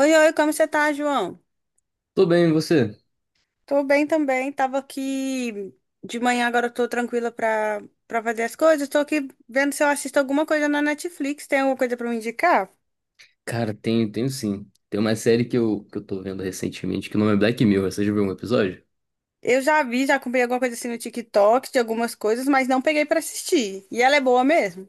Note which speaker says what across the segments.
Speaker 1: Oi, oi, como você tá, João?
Speaker 2: Tô bem, e você?
Speaker 1: Tô bem também, tava aqui de manhã, agora eu tô tranquila pra fazer as coisas. Tô aqui vendo se eu assisto alguma coisa na Netflix, tem alguma coisa pra me indicar?
Speaker 2: Cara, tenho sim. Tem uma série que eu tô vendo recentemente que o nome é Black Mirror. Você já viu um episódio?
Speaker 1: Eu já vi, já comprei alguma coisa assim no TikTok de algumas coisas, mas não peguei pra assistir. E ela é boa mesmo?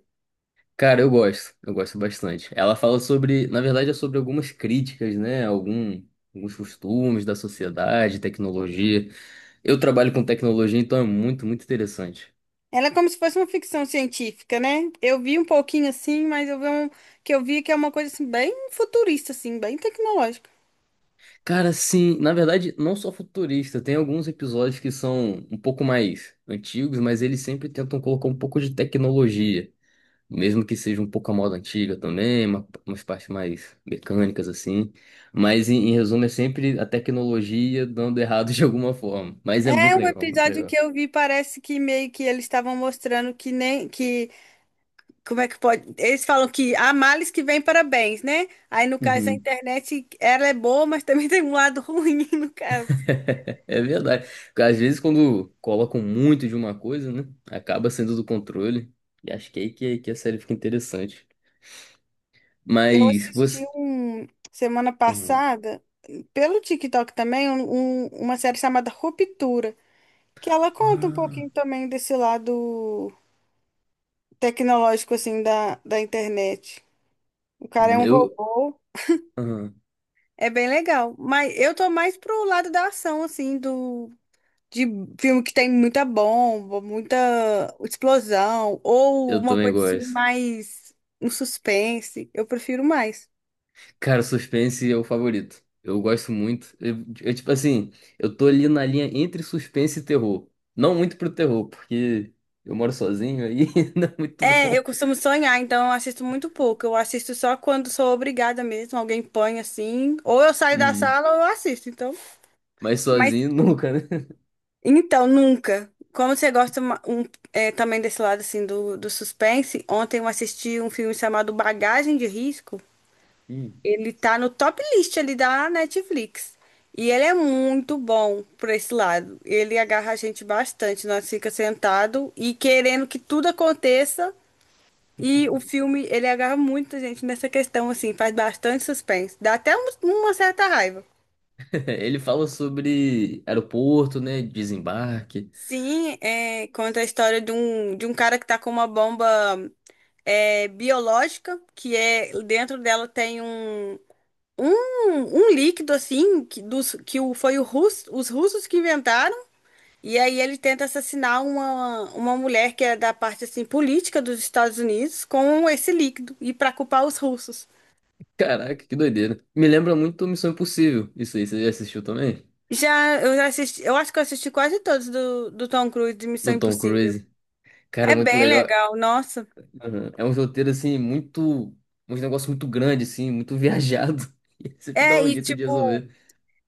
Speaker 2: Cara, eu gosto. Eu gosto bastante. Ela fala sobre, na verdade, é sobre algumas críticas, né? Alguns costumes da sociedade, tecnologia. Eu trabalho com tecnologia, então é muito interessante.
Speaker 1: Ela é como se fosse uma ficção científica, né? Eu vi um pouquinho assim, mas eu vi um, que eu vi que é uma coisa assim bem futurista assim, bem tecnológica.
Speaker 2: Cara, sim, na verdade, não só futurista, tem alguns episódios que são um pouco mais antigos, mas eles sempre tentam colocar um pouco de tecnologia. Mesmo que seja um pouco a moda antiga também, umas partes mais mecânicas assim. Mas em resumo é sempre a tecnologia dando errado de alguma forma. Mas é
Speaker 1: É
Speaker 2: muito
Speaker 1: um
Speaker 2: legal, muito
Speaker 1: episódio que
Speaker 2: legal.
Speaker 1: eu vi, parece que meio que eles estavam mostrando que nem que. Como é que pode? Eles falam que há males que vêm para bens, né? Aí, no caso, a
Speaker 2: Uhum.
Speaker 1: internet, ela é boa, mas também tem um lado ruim, no caso.
Speaker 2: É verdade. Porque às vezes quando colocam muito de uma coisa, né? Acaba sendo do controle. E acho que é aí que a série fica interessante.
Speaker 1: Eu
Speaker 2: Mas
Speaker 1: assisti
Speaker 2: você.
Speaker 1: um, semana
Speaker 2: Uhum.
Speaker 1: passada, pelo TikTok também, uma série chamada Ruptura, que ela conta um
Speaker 2: Ah,
Speaker 1: pouquinho também desse lado tecnológico, assim, da internet. O cara é um
Speaker 2: eu.
Speaker 1: robô,
Speaker 2: Uhum.
Speaker 1: é bem legal. Mas eu tô mais pro lado da ação, assim, do de filme que tem muita bomba, muita explosão, ou
Speaker 2: Eu
Speaker 1: uma
Speaker 2: também
Speaker 1: coisa assim
Speaker 2: gosto.
Speaker 1: mais um suspense. Eu prefiro mais.
Speaker 2: Cara, suspense é o favorito. Eu gosto muito. Tipo assim, eu tô ali na linha entre suspense e terror. Não muito pro terror, porque eu moro sozinho aí, não é muito
Speaker 1: É, eu
Speaker 2: bom.
Speaker 1: costumo sonhar, então eu assisto muito pouco. Eu assisto só quando sou obrigada mesmo, alguém põe assim, ou eu saio da
Speaker 2: Uhum.
Speaker 1: sala ou eu assisto, então.
Speaker 2: Mas
Speaker 1: Mas
Speaker 2: sozinho nunca, né?
Speaker 1: então nunca. Como você gosta também desse lado assim do, do suspense, ontem eu assisti um filme chamado Bagagem de Risco.
Speaker 2: Hum.
Speaker 1: Ele tá no top list ali da Netflix. E ele é muito bom por esse lado. Ele agarra a gente bastante. Nós fica sentado e querendo que tudo aconteça. E o filme, ele agarra muita gente nessa questão, assim, faz bastante suspense. Dá até uma certa raiva.
Speaker 2: Ele fala sobre aeroporto, né? Desembarque.
Speaker 1: Sim, é, conta a história de um cara que tá com uma bomba biológica, que é dentro dela tem um, um líquido assim que, dos, que o, os russos que inventaram. E aí ele tenta assassinar uma mulher que é da parte assim política dos Estados Unidos com esse líquido e para culpar os russos.
Speaker 2: Caraca, que doideira. Me lembra muito Missão Impossível. Isso aí, você já assistiu também?
Speaker 1: Já eu já assisti, eu acho que eu assisti quase todos do, do Tom Cruise de Missão
Speaker 2: Do Tom
Speaker 1: Impossível.
Speaker 2: Cruise. Cara,
Speaker 1: É
Speaker 2: é muito
Speaker 1: bem
Speaker 2: legal.
Speaker 1: legal, nossa.
Speaker 2: Uhum. É um roteiro, assim, muito. Um negócio muito grande, assim, muito viajado. E sempre dá
Speaker 1: É,
Speaker 2: um
Speaker 1: e
Speaker 2: jeito de
Speaker 1: tipo,
Speaker 2: resolver.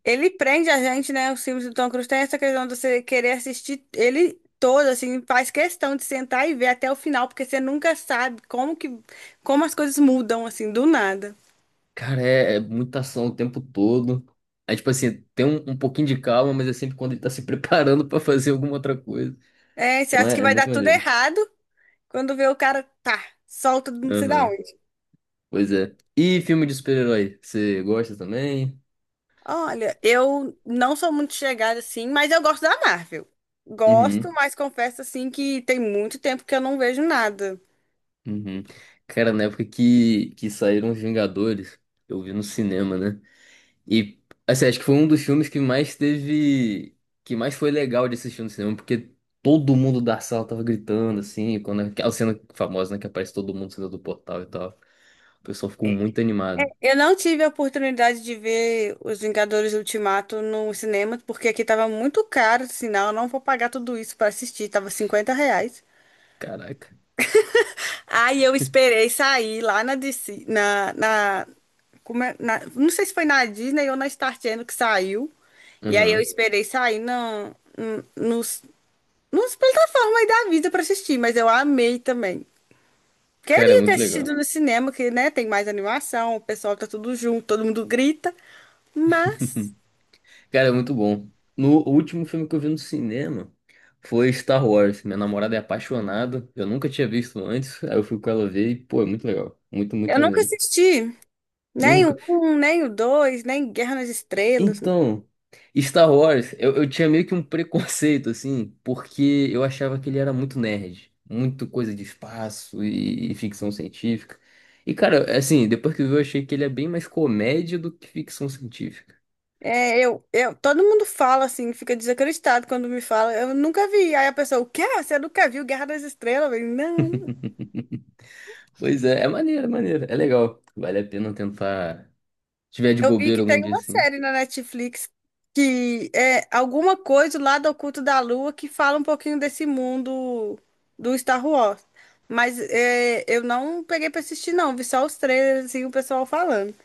Speaker 1: ele prende a gente, né? Os filmes do Tom Cruise tem essa questão de você querer assistir ele todo, assim, faz questão de sentar e ver até o final, porque você nunca sabe como que, como as coisas mudam, assim, do nada.
Speaker 2: Cara, é muita ação o tempo todo. É tipo assim, um pouquinho de calma, mas é sempre quando ele tá se preparando pra fazer alguma outra coisa.
Speaker 1: É, você
Speaker 2: Então
Speaker 1: acha que
Speaker 2: é
Speaker 1: vai dar
Speaker 2: muito
Speaker 1: tudo
Speaker 2: maneiro.
Speaker 1: errado, quando vê o cara, tá, solta não sei da
Speaker 2: Aham.
Speaker 1: onde.
Speaker 2: Pois é. E filme de super-herói? Você gosta também?
Speaker 1: Olha, eu não sou muito chegada, assim, mas eu gosto da Marvel.
Speaker 2: Uhum.
Speaker 1: Gosto, mas confesso, assim, que tem muito tempo que eu não vejo nada.
Speaker 2: Uhum. Cara, na época que saíram os Vingadores, eu vi no cinema, né? E assim, acho que foi um dos filmes que mais teve. Que mais foi legal de assistir no cinema, porque todo mundo da sala tava gritando, assim, quando aquela cena famosa, né? Que aparece todo mundo saindo do portal e tal. O pessoal ficou muito animado.
Speaker 1: Eu não tive a oportunidade de ver Os Vingadores Ultimato no cinema, porque aqui tava muito caro, sinal, eu não vou pagar tudo isso pra assistir, tava R$ 50.
Speaker 2: Caraca.
Speaker 1: Aí eu esperei sair lá na DC, na, na, como é- na- não sei se foi na Disney ou na Star Channel que saiu. E aí eu
Speaker 2: Uhum.
Speaker 1: esperei sair nos plataformas aí da vida pra assistir, mas eu amei também.
Speaker 2: Cara, é
Speaker 1: Queria ter
Speaker 2: muito
Speaker 1: assistido
Speaker 2: legal.
Speaker 1: no cinema, que, né, tem mais animação, o pessoal tá tudo junto, todo mundo grita, mas
Speaker 2: Cara, é muito bom. No o último filme que eu vi no cinema foi Star Wars. Minha namorada é apaixonada. Eu nunca tinha visto antes. Aí eu fui com ela ver e, pô, é muito legal. Muito,
Speaker 1: eu
Speaker 2: muito
Speaker 1: nunca
Speaker 2: maneiro.
Speaker 1: assisti nem
Speaker 2: Nunca.
Speaker 1: o um, nem o dois, nem Guerra nas Estrelas.
Speaker 2: Então, Star Wars, eu tinha meio que um preconceito, assim, porque eu achava que ele era muito nerd, muito coisa de espaço e ficção científica. E, cara, assim, depois que eu vi, eu achei que ele é bem mais comédia do que ficção científica.
Speaker 1: É, todo mundo fala assim, fica desacreditado quando me fala. Eu nunca vi. Aí a pessoa, o quê? Você nunca viu Guerra nas Estrelas? Eu, falei, não.
Speaker 2: Pois é, é maneiro, é maneiro, é legal. Vale a pena tentar, se tiver de
Speaker 1: Eu vi que
Speaker 2: bobeira algum
Speaker 1: tem
Speaker 2: dia,
Speaker 1: uma
Speaker 2: assim.
Speaker 1: série na Netflix que é alguma coisa lá do Oculto da Lua que fala um pouquinho desse mundo do Star Wars. Mas é, eu não peguei pra assistir, não. Vi só os trailers e o pessoal falando.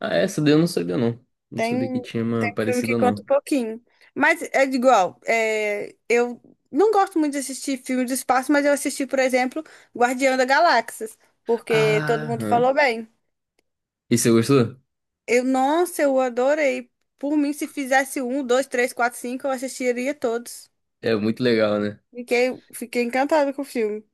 Speaker 2: Ah, essa daí eu não sabia, não. Não sabia que
Speaker 1: Tem,
Speaker 2: tinha uma
Speaker 1: tem filme que
Speaker 2: parecida,
Speaker 1: conta um
Speaker 2: não.
Speaker 1: pouquinho. Mas é igual, é, eu não gosto muito de assistir filme de espaço, mas eu assisti, por exemplo, Guardião da Galáxia, porque todo mundo
Speaker 2: Aham.
Speaker 1: falou bem.
Speaker 2: E você gostou?
Speaker 1: Eu, nossa, eu adorei. Por mim, se fizesse um, dois, três, quatro, cinco, eu assistiria todos.
Speaker 2: É muito legal, né?
Speaker 1: Fiquei encantada com o filme.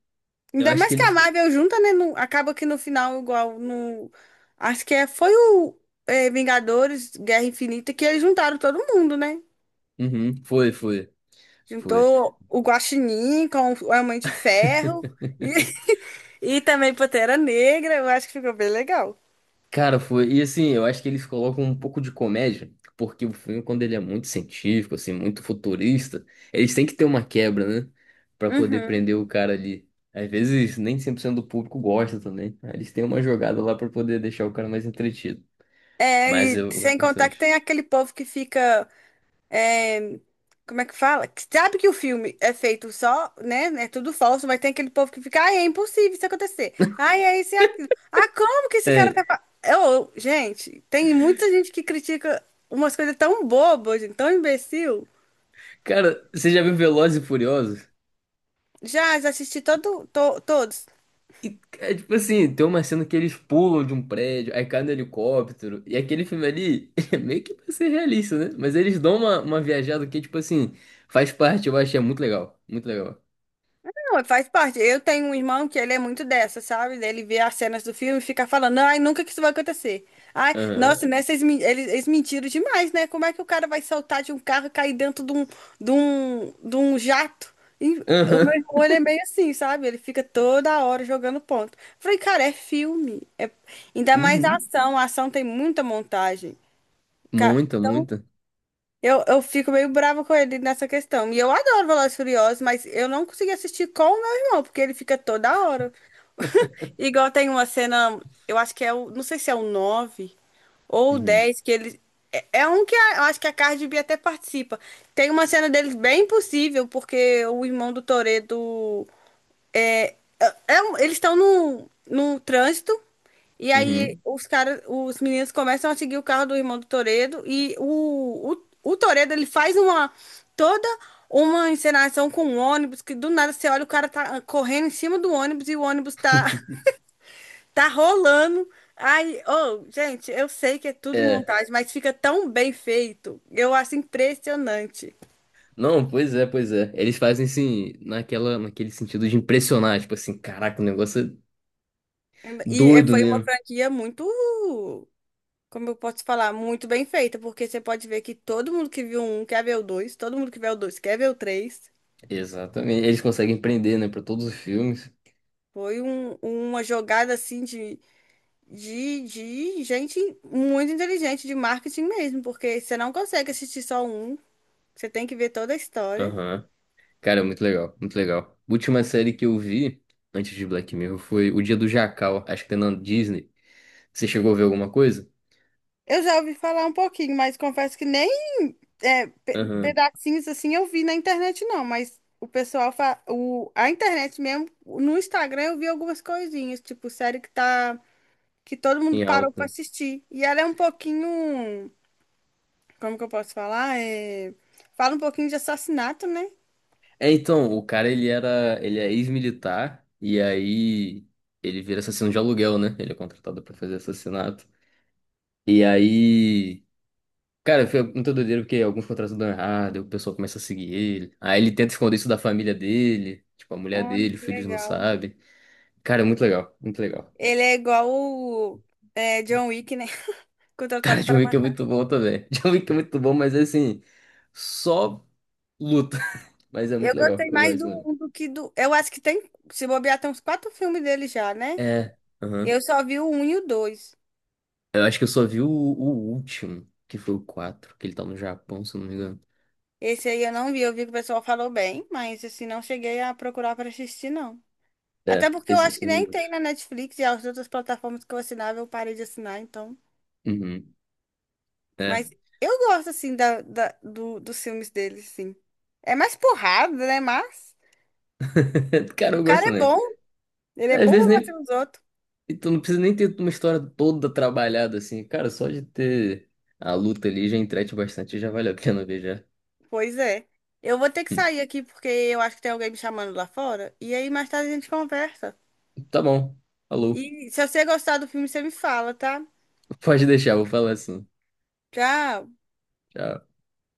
Speaker 2: Eu
Speaker 1: Ainda
Speaker 2: acho
Speaker 1: mais
Speaker 2: que
Speaker 1: que a
Speaker 2: eles...
Speaker 1: Marvel junta, né? Acaba que no final, igual no. Acho que foi o Vingadores, Guerra Infinita, que eles juntaram todo mundo, né?
Speaker 2: Uhum, foi, foi, foi.
Speaker 1: Juntou o Guaxinim com a Mãe de Ferro e, e também Pantera Negra. Eu acho que ficou bem legal.
Speaker 2: Cara, foi. E assim, eu acho que eles colocam um pouco de comédia, porque o filme, quando ele é muito científico, assim, muito futurista, eles têm que ter uma quebra, né? Pra poder
Speaker 1: Uhum.
Speaker 2: prender o cara ali. Às vezes, nem 100% do público gosta também. Aí eles têm uma jogada lá pra poder deixar o cara mais entretido.
Speaker 1: É,
Speaker 2: Mas
Speaker 1: e
Speaker 2: eu
Speaker 1: sem
Speaker 2: gosto
Speaker 1: contar que
Speaker 2: bastante.
Speaker 1: tem aquele povo que fica. é, Como é que fala? Que sabe que o filme é feito só, né? É tudo falso, mas tem aquele povo que fica. Ai, é impossível isso acontecer. Ai, é isso e aquilo. Ah, como que esse cara
Speaker 2: É,
Speaker 1: tá. Eu, gente, tem muita gente que critica umas coisas tão bobas, gente, tão imbecil.
Speaker 2: cara, você já viu Velozes e Furiosos?
Speaker 1: Já assisti todos.
Speaker 2: E, é tipo assim, tem uma cena que eles pulam de um prédio, aí cai no helicóptero, e aquele filme ali é meio que pra ser realista, né? Mas eles dão uma viajada que, tipo assim, faz parte, eu achei muito legal. Muito legal.
Speaker 1: Não, faz parte. Eu tenho um irmão que ele é muito dessa, sabe? Ele vê as cenas do filme e fica falando, ai, nunca que isso vai acontecer. Ai, nossa,
Speaker 2: Aham.
Speaker 1: né? Eles mentiram demais, né? Como é que o cara vai saltar de um carro e cair dentro de um, de um, de um jato? E o meu
Speaker 2: Aham.
Speaker 1: irmão, ele é meio assim, sabe? Ele fica toda hora jogando ponto. Eu falei, cara, é filme. Ainda mais a
Speaker 2: Uhum.
Speaker 1: ação. A ação tem muita montagem.
Speaker 2: Muita, muita.
Speaker 1: Eu fico meio brava com ele nessa questão. E eu adoro Velozes e Furiosos, mas eu não consegui assistir com o meu irmão, porque ele fica toda hora. Igual tem uma cena, eu acho que é o, não sei se é o 9 ou o
Speaker 2: Uhum.
Speaker 1: 10 que ele. É um que eu acho que a Cardi B até participa. Tem uma cena deles bem impossível, porque o irmão do Toretto é, é eles estão num, num trânsito e aí
Speaker 2: Uhum.
Speaker 1: os caras, os meninos começam a seguir o carro do irmão do Toredo e o Toredo ele faz uma toda uma encenação com um ônibus que do nada você olha o cara tá correndo em cima do ônibus e o ônibus tá tá rolando. Ai, oh, gente, eu sei que é tudo
Speaker 2: É.
Speaker 1: montagem, mas fica tão bem feito. Eu acho impressionante.
Speaker 2: Não, pois é, pois é. Eles fazem assim, naquele sentido de impressionar, tipo assim, caraca, o negócio é
Speaker 1: E
Speaker 2: doido
Speaker 1: foi uma
Speaker 2: mesmo.
Speaker 1: franquia muito como eu posso falar, muito bem feita, porque você pode ver que todo mundo que viu um quer ver o dois, todo mundo que vê o dois quer ver o três.
Speaker 2: Exatamente. Eles conseguem prender, né, pra todos os filmes.
Speaker 1: Foi uma jogada assim de gente muito inteligente, de marketing mesmo, porque você não consegue assistir só um, você tem que ver toda a história.
Speaker 2: Aham. Cara, muito legal, muito legal. Última série que eu vi antes de Black Mirror foi O Dia do Jacal, acho que tem na Disney. Você chegou a ver alguma coisa?
Speaker 1: Eu já ouvi falar um pouquinho, mas confesso que nem é, pe-
Speaker 2: Aham,
Speaker 1: pedacinhos assim eu vi na internet, não, mas. O pessoal, a internet mesmo, no Instagram eu vi algumas coisinhas, tipo, série que tá que todo mundo
Speaker 2: em
Speaker 1: parou para
Speaker 2: alta.
Speaker 1: assistir. E ela é um pouquinho, como que eu posso falar? Fala um pouquinho de assassinato, né?
Speaker 2: É, então, o cara ele é ex-militar e aí ele vira assassino de aluguel, né? Ele é contratado pra fazer assassinato. E aí, cara, foi muito doideira porque alguns contratos dão errado, aí o pessoal começa a seguir ele. Aí ele tenta esconder isso da família dele, tipo a mulher
Speaker 1: Olha
Speaker 2: dele, os
Speaker 1: que
Speaker 2: filhos não
Speaker 1: legal.
Speaker 2: sabem. Cara, é muito legal, muito legal.
Speaker 1: Ele é igual o John Wick, né?
Speaker 2: Cara,
Speaker 1: Contratado
Speaker 2: John
Speaker 1: para
Speaker 2: Wick é
Speaker 1: matar.
Speaker 2: muito bom também. John Wick é muito bom, mas assim, só luta. Mas é
Speaker 1: Eu
Speaker 2: muito legal,
Speaker 1: gostei
Speaker 2: eu
Speaker 1: mais
Speaker 2: gosto
Speaker 1: do
Speaker 2: também.
Speaker 1: um do que do. Eu acho que tem, se bobear, tem uns quatro filmes dele já, né?
Speaker 2: É, aham.
Speaker 1: Eu só vi o um e o dois.
Speaker 2: Eu acho que eu só vi o último, que foi o 4, que ele tá no Japão, se eu não me engano.
Speaker 1: Esse aí eu não vi, eu vi que o pessoal falou bem, mas assim, não cheguei a procurar para assistir, não. Até
Speaker 2: É,
Speaker 1: porque eu
Speaker 2: esse eu
Speaker 1: acho que
Speaker 2: só vi o
Speaker 1: nem tem
Speaker 2: último.
Speaker 1: na Netflix e as outras plataformas que eu assinava, eu parei de assinar, então.
Speaker 2: Uhum. É.
Speaker 1: Mas eu gosto, assim, dos filmes dele, sim. É mais porrada, né? Mas
Speaker 2: Cara,
Speaker 1: o
Speaker 2: eu gosto
Speaker 1: cara é
Speaker 2: também.
Speaker 1: bom. Ele é
Speaker 2: É, às
Speaker 1: bom
Speaker 2: vezes
Speaker 1: pra bater
Speaker 2: nem.
Speaker 1: nos outros.
Speaker 2: E tu não precisa nem ter uma história toda trabalhada assim. Cara, só de ter a luta ali já entrete bastante, já vale a pena ver já.
Speaker 1: Pois é. Eu vou ter que sair aqui porque eu acho que tem alguém me chamando lá fora. E aí mais tarde a gente conversa.
Speaker 2: Tá bom. Alô.
Speaker 1: E se você gostar do filme, você me fala, tá?
Speaker 2: Pode deixar, vou falar assim.
Speaker 1: Tchau.
Speaker 2: Tchau.